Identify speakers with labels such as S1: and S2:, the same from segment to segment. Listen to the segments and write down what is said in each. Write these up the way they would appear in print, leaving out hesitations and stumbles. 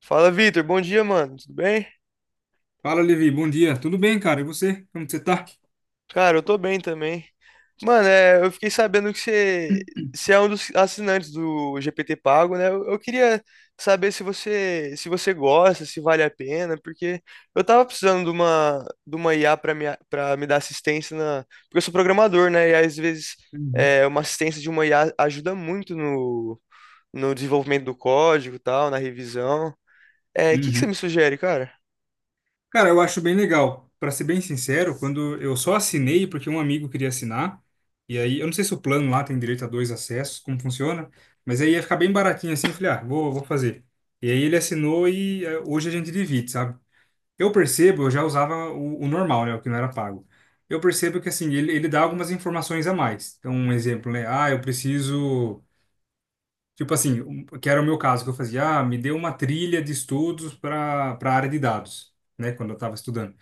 S1: Fala, Vitor. Bom dia, mano. Tudo bem?
S2: Fala, Levi. Bom dia. Tudo bem, cara? E você? Como que você tá?
S1: Cara, eu tô bem também. Mano, eu fiquei sabendo que você é um dos assinantes do GPT Pago, né? Eu queria saber se você gosta, se vale a pena, porque eu tava precisando de uma IA pra para me dar assistência na, porque eu sou programador, né? E às vezes uma assistência de uma IA ajuda muito no desenvolvimento do código, e tal, na revisão. O que que você
S2: Uhum.
S1: me sugere, cara?
S2: Cara, eu acho bem legal. Pra ser bem sincero, quando eu só assinei porque um amigo queria assinar, e aí eu não sei se o plano lá tem direito a dois acessos, como funciona, mas aí ia ficar bem baratinho assim, eu falei, ah, vou fazer. E aí ele assinou e hoje a gente divide, sabe? Eu percebo, eu já usava o normal, né, o que não era pago. Eu percebo que assim, ele dá algumas informações a mais. Então, um exemplo, né? Ah, eu preciso Tipo assim, que era o meu caso, que eu fazia, ah, me deu uma trilha de estudos para a área de dados, né, quando eu estava estudando.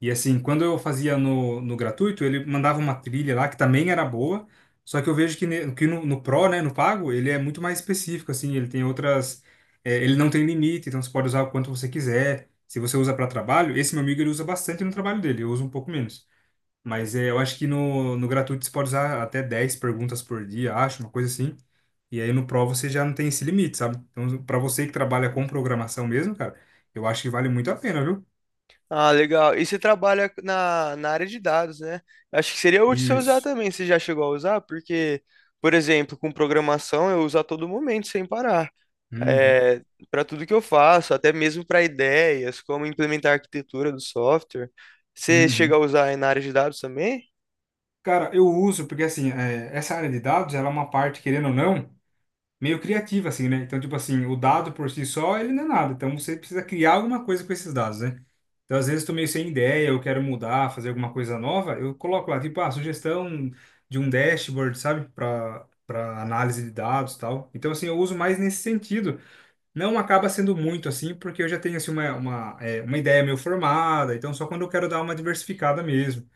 S2: E assim, quando eu fazia no gratuito, ele mandava uma trilha lá que também era boa, só que eu vejo que, que no Pro, né, no pago, ele é muito mais específico, assim, ele tem outras. Ele não tem limite, então você pode usar o quanto você quiser. Se você usa para trabalho, esse meu amigo ele usa bastante no trabalho dele, eu uso um pouco menos. Mas eu acho que no gratuito você pode usar até 10 perguntas por dia, acho, uma coisa assim. E aí no Pro você já não tem esse limite, sabe? Então, para você que trabalha com programação mesmo, cara, eu acho que vale muito a pena, viu?
S1: Ah, legal. E você trabalha na área de dados, né? Acho que seria útil você usar
S2: Isso.
S1: também. Você já chegou a usar? Porque, por exemplo, com programação eu uso a todo momento, sem parar.
S2: Uhum,
S1: É, Para tudo que eu faço, até mesmo para ideias, como implementar a arquitetura do software. Você
S2: uhum.
S1: chega a usar aí na área de dados também?
S2: Cara, eu uso porque assim, essa área de dados, ela é uma parte, querendo ou não. Meio criativa, assim, né? Então, tipo assim, o dado por si só, ele não é nada. Então, você precisa criar alguma coisa com esses dados, né? Então, às vezes, estou meio sem ideia, eu quero mudar, fazer alguma coisa nova, eu coloco lá, tipo, ah, sugestão de um dashboard, sabe? Para análise de dados e tal. Então, assim, eu uso mais nesse sentido. Não acaba sendo muito assim, porque eu já tenho, assim, uma ideia meio formada. Então, só quando eu quero dar uma diversificada mesmo.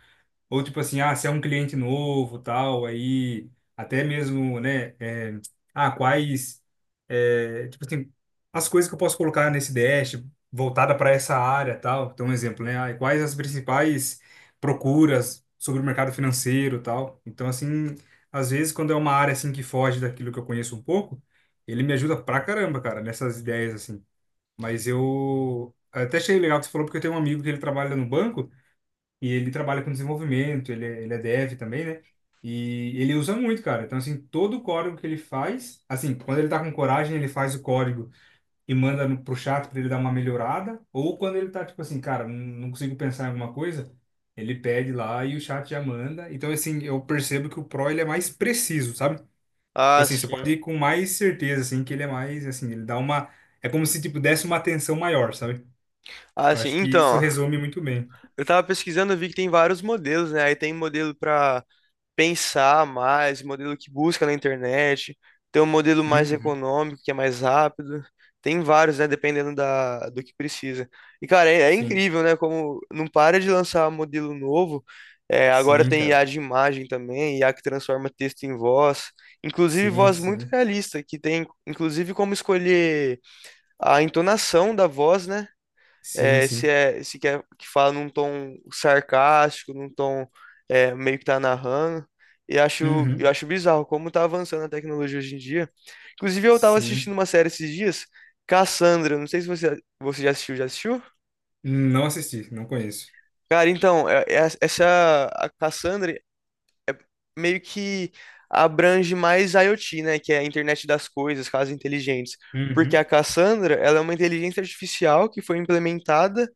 S2: Ou tipo assim, ah, se é um cliente novo, tal, aí até mesmo, né, ah, quais, tipo assim, as coisas que eu posso colocar nesse dash voltada para essa área, tal. Então, um exemplo, né, ah, quais as principais procuras sobre o mercado financeiro, tal. Então, assim, às vezes quando é uma área assim que foge daquilo que eu conheço um pouco, ele me ajuda pra caramba, cara, nessas ideias assim. Mas eu até achei legal o que você falou porque eu tenho um amigo que ele trabalha no banco e ele trabalha com desenvolvimento, ele é dev também, né? E ele usa muito, cara. Então, assim, todo o código que ele faz, assim, quando ele tá com coragem, ele faz o código e manda no, pro chat pra ele dar uma melhorada. Ou quando ele tá, tipo assim, cara, não, não consigo pensar em alguma coisa, ele pede lá e o chat já manda. Então, assim, eu percebo que o Pro, ele é mais preciso, sabe? Tipo
S1: Ah,
S2: assim, você
S1: sim.
S2: pode ir com mais certeza, assim, que ele é mais, assim, ele dá uma. É como se, tipo, desse uma atenção maior, sabe?
S1: Ah,
S2: Eu
S1: sim.
S2: acho que isso
S1: Então,
S2: resume muito bem.
S1: eu tava pesquisando, eu vi que tem vários modelos, né? Aí tem modelo para pensar mais, modelo que busca na internet, tem um modelo mais
S2: Uhum.
S1: econômico, que é mais rápido. Tem vários, né? Dependendo do que precisa. E, cara, é, é
S2: Sim,
S1: incrível, né? Como não para de lançar modelo novo. É, agora
S2: sim,
S1: tem IA
S2: cara.
S1: de imagem também, IA que transforma texto em voz. Inclusive,
S2: Sim,
S1: voz muito
S2: sim.
S1: realista, que tem, inclusive, como escolher a entonação da voz, né?
S2: Sim,
S1: é, se
S2: sim.
S1: é se quer que fala num tom sarcástico, num tom meio que tá narrando. E eu
S2: Uhum.
S1: acho bizarro como tá avançando a tecnologia hoje em dia. Inclusive, eu tava assistindo
S2: Sim.
S1: uma série esses dias, Cassandra. Não sei se você já assistiu, já assistiu?
S2: Não assisti, não conheço.
S1: Cara, então, essa a Cassandra meio que abrange mais IoT, né? Que é a internet das coisas, casas inteligentes. Porque a
S2: Uhum.
S1: Cassandra, ela é uma inteligência artificial que foi implementada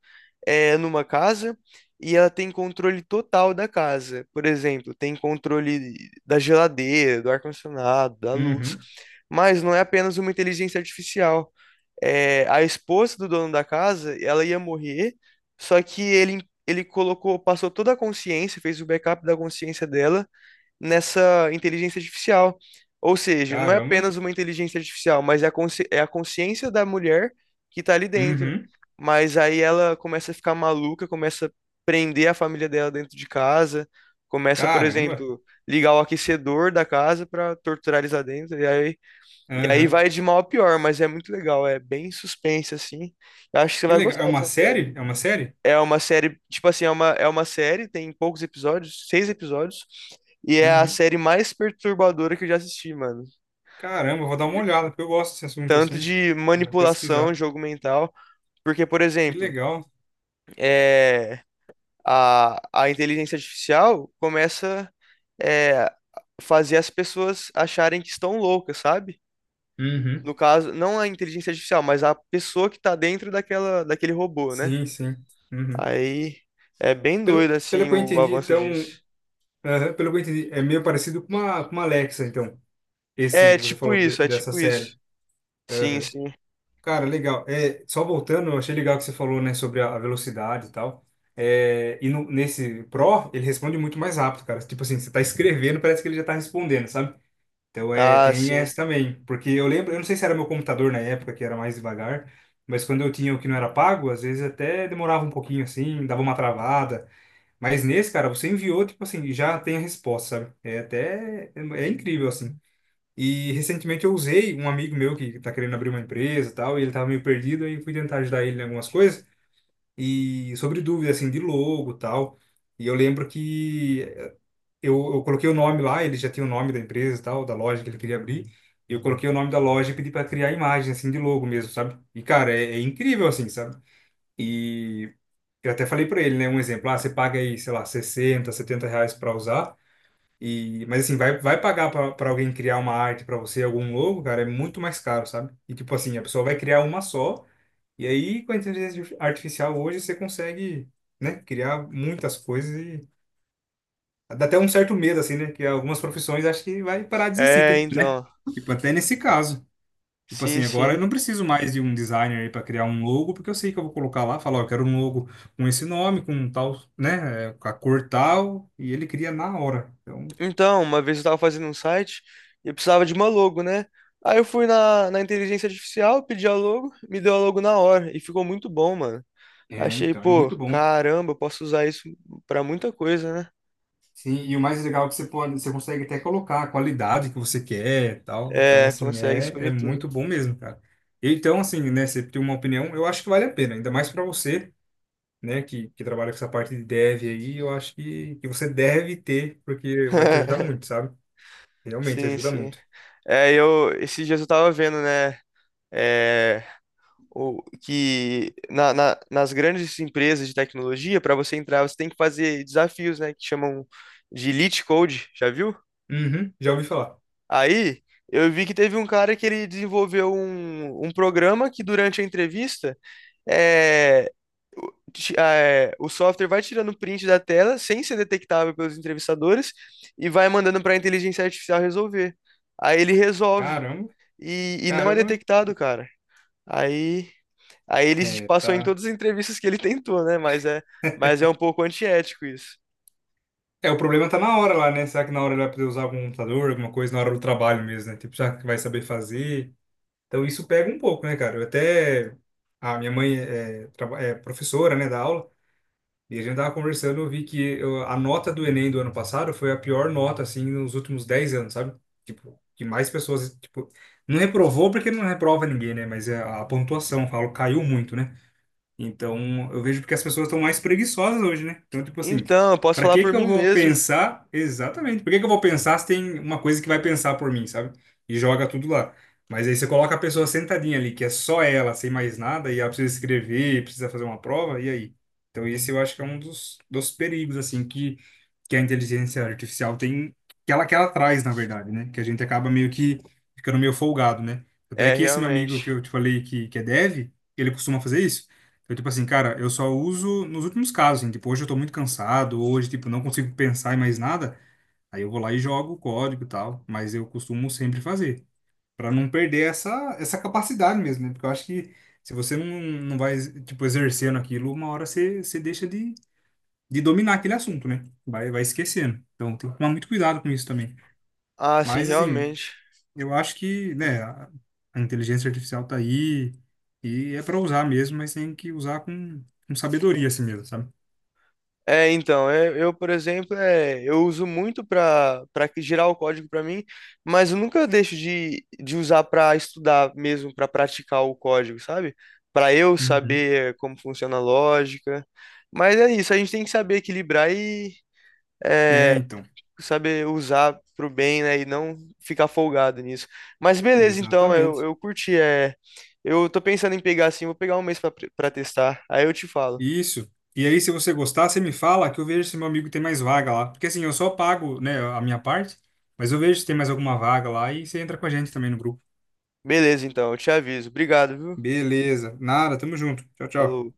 S1: numa casa e ela tem controle total da casa. Por exemplo, tem controle da geladeira, do ar-condicionado, da luz.
S2: Uhum.
S1: Mas não é apenas uma inteligência artificial. É, a esposa do dono da casa, ela ia morrer, só que ele colocou, passou toda a consciência, fez o backup da consciência dela nessa inteligência artificial. Ou seja, não é
S2: Caramba.
S1: apenas uma inteligência artificial, mas é a consciência da mulher que tá ali dentro.
S2: Uhum.
S1: Mas aí ela começa a ficar maluca, começa a prender a família dela dentro de casa, começa, por
S2: Caramba.
S1: exemplo, ligar o aquecedor da casa pra torturar eles lá dentro. E aí
S2: Aham.
S1: vai de mal a pior, mas é muito legal, é bem suspense assim. Eu acho que você
S2: Que
S1: vai
S2: legal. É
S1: gostar
S2: uma
S1: dessa
S2: série? É uma série?
S1: é uma série, tipo assim, é uma série, tem poucos episódios, 6 episódios, e é a
S2: Uhum.
S1: série mais perturbadora que eu já assisti, mano.
S2: Caramba, eu vou dar uma
S1: De-
S2: olhada, porque eu gosto desse assunto
S1: Tanto
S2: assim.
S1: de
S2: Eu vou
S1: manipulação,
S2: pesquisar.
S1: jogo mental, porque, por
S2: Que
S1: exemplo,
S2: legal.
S1: é, a inteligência artificial começa é, fazer as pessoas acharem que estão loucas, sabe?
S2: Uhum.
S1: No caso, não a inteligência artificial, mas a pessoa que tá dentro daquele robô, né?
S2: Sim, sim. Uhum.
S1: Aí é bem
S2: Pelo,
S1: doido,
S2: pelo
S1: assim,
S2: que eu
S1: o
S2: entendi,
S1: avanço
S2: então.
S1: disso.
S2: Aham, pelo que eu entendi, é meio parecido com uma, Alexa, então. Esse
S1: É
S2: que você
S1: tipo
S2: falou
S1: isso, é
S2: dessa
S1: tipo
S2: série.
S1: isso. Sim,
S2: Aham.
S1: sim.
S2: Cara, legal. Só voltando, eu achei legal que você falou, né, sobre a velocidade e tal. E nesse Pro, ele responde muito mais rápido, cara. Tipo assim, você tá escrevendo, parece que ele já tá respondendo, sabe? Então
S1: Ah,
S2: tem
S1: sim.
S2: essa também. Porque eu lembro, eu não sei se era meu computador na época, que era mais devagar, mas quando eu tinha o que não era pago, às vezes até demorava um pouquinho assim, dava uma travada. Mas nesse, cara, você enviou, tipo assim, já tem a resposta, sabe? É até, é é incrível, assim. E recentemente eu usei um amigo meu que tá querendo abrir uma empresa e tal, e ele tava meio perdido, aí fui tentar ajudar ele em algumas coisas, e sobre dúvidas, assim, de logo e tal. E eu lembro que eu coloquei o nome lá, ele já tinha o nome da empresa e tal, da loja que ele queria abrir, e eu coloquei o nome da loja e pedi para criar a imagem, assim, de logo mesmo, sabe? E, cara, é incrível, assim, sabe? E eu até falei para ele, né, um exemplo, ah, você paga aí, sei lá, 60, 70 reais para usar, e, mas assim, vai pagar pra alguém criar uma arte pra você, algum logo, cara, é muito mais caro, sabe? E tipo assim, a pessoa vai criar uma só, e aí com a inteligência artificial hoje você consegue, né, criar muitas coisas e dá até um certo medo, assim, né? Que algumas profissões acho que vai parar de existir,
S1: É,
S2: né?
S1: então.
S2: Tipo, até nesse caso. Tipo
S1: Sim,
S2: assim, agora
S1: sim.
S2: eu não preciso mais de um designer aí pra criar um logo, porque eu sei que eu vou colocar lá, falar, ó, eu quero um logo com esse nome, com tal, né, com a cor tal, e ele cria na hora. Então,
S1: Então, uma vez eu tava fazendo um site e eu precisava de uma logo, né? Aí eu fui na inteligência artificial, pedi a logo, me deu a logo na hora e ficou muito bom, mano. Achei,
S2: é
S1: pô,
S2: muito bom.
S1: caramba, eu posso usar isso pra muita coisa, né?
S2: Sim, e o mais legal é que você pode, você consegue até colocar a qualidade que você quer, e tal. Então,
S1: É,
S2: assim,
S1: consegue
S2: é
S1: escolher tudo.
S2: muito bom mesmo, cara. E então, assim, né, você tem uma opinião, eu acho que vale a pena, ainda mais para você, né, que trabalha com essa parte de dev aí, eu acho que você deve ter, porque vai te ajudar muito, sabe? Realmente
S1: Sim,
S2: ajuda
S1: sim.
S2: muito.
S1: É, eu, esses dias eu tava vendo, né? É, ou que nas grandes empresas de tecnologia, para você entrar, você tem que fazer desafios, né, que chamam de Elite Code, já viu?
S2: Uhum, já ouvi falar.
S1: Aí eu vi que teve um cara que ele desenvolveu um programa que durante a entrevista é, o software vai tirando print da tela sem ser detectável pelos entrevistadores e vai mandando para a inteligência artificial resolver. Aí ele resolve
S2: Caramba,
S1: e não é
S2: caramba.
S1: detectado, cara. Aí Aí ele se
S2: É,
S1: passou em
S2: tá.
S1: todas as entrevistas que ele tentou, né? Mas é um pouco antiético isso.
S2: É, o problema tá na hora lá, né? Será que na hora ele vai poder usar algum computador, alguma coisa, na hora do trabalho mesmo, né? Tipo, será que vai saber fazer? Então isso pega um pouco, né, cara? Eu até. A minha mãe é professora, né, da aula, e a gente tava conversando, eu vi que a nota do Enem do ano passado foi a pior nota, assim, nos últimos 10 anos, sabe? Tipo, que mais pessoas, tipo, não reprovou porque não reprova ninguém, né? Mas a pontuação, eu falo, caiu muito, né? Então, eu vejo porque as pessoas estão mais preguiçosas hoje, né? Então, tipo assim,
S1: Então, eu posso
S2: para
S1: falar
S2: que
S1: por
S2: que eu
S1: mim
S2: vou
S1: mesmo.
S2: pensar? Exatamente. Por que que eu vou pensar se tem uma coisa que vai pensar por mim, sabe? E joga tudo lá. Mas aí você coloca a pessoa sentadinha ali, que é só ela, sem mais nada, e ela precisa escrever, precisa fazer uma prova, e aí? Então, esse eu acho que é um dos perigos, assim, que a inteligência artificial tem, que ela traz, na verdade, né? Que a gente acaba meio que ficando meio folgado, né? Até
S1: É,
S2: que esse meu amigo
S1: realmente.
S2: que eu te falei que é dev, ele costuma fazer isso. Eu, tipo assim, cara, eu só uso nos últimos casos, assim, tipo, hoje eu tô muito cansado, hoje, tipo, não consigo pensar em mais nada, aí eu vou lá e jogo o código e tal, mas eu costumo sempre fazer, pra não perder essa capacidade mesmo, né? Porque eu acho que se você não vai, tipo, exercendo aquilo, uma hora você deixa de dominar aquele assunto, né? Vai esquecendo. Então tem que tomar muito cuidado com isso também.
S1: Ah, sim,
S2: Mas, assim,
S1: realmente.
S2: eu acho que, né, a inteligência artificial tá aí e é pra usar mesmo, mas tem que usar com sabedoria, assim mesmo, sabe?
S1: É, então, é, eu, por exemplo, é, eu uso muito para gerar o código para mim, mas eu nunca deixo de usar para estudar mesmo, para praticar o código, sabe? Para eu
S2: Uhum.
S1: saber como funciona a lógica. Mas é isso, a gente tem que saber equilibrar e,
S2: É, então,
S1: saber usar pro bem, né? E não ficar folgado nisso. Mas beleza, então,
S2: exatamente.
S1: eu curti. É, eu tô pensando em pegar assim, vou pegar um mês pra, pra testar. Aí eu te falo.
S2: Isso. E aí, se você gostar, você me fala que eu vejo se meu amigo tem mais vaga lá. Porque assim, eu só pago, né, a minha parte, mas eu vejo se tem mais alguma vaga lá e você entra com a gente também no grupo.
S1: Beleza, então, eu te aviso. Obrigado, viu?
S2: Beleza. Nada, tamo junto. Tchau,
S1: Falou.
S2: tchau.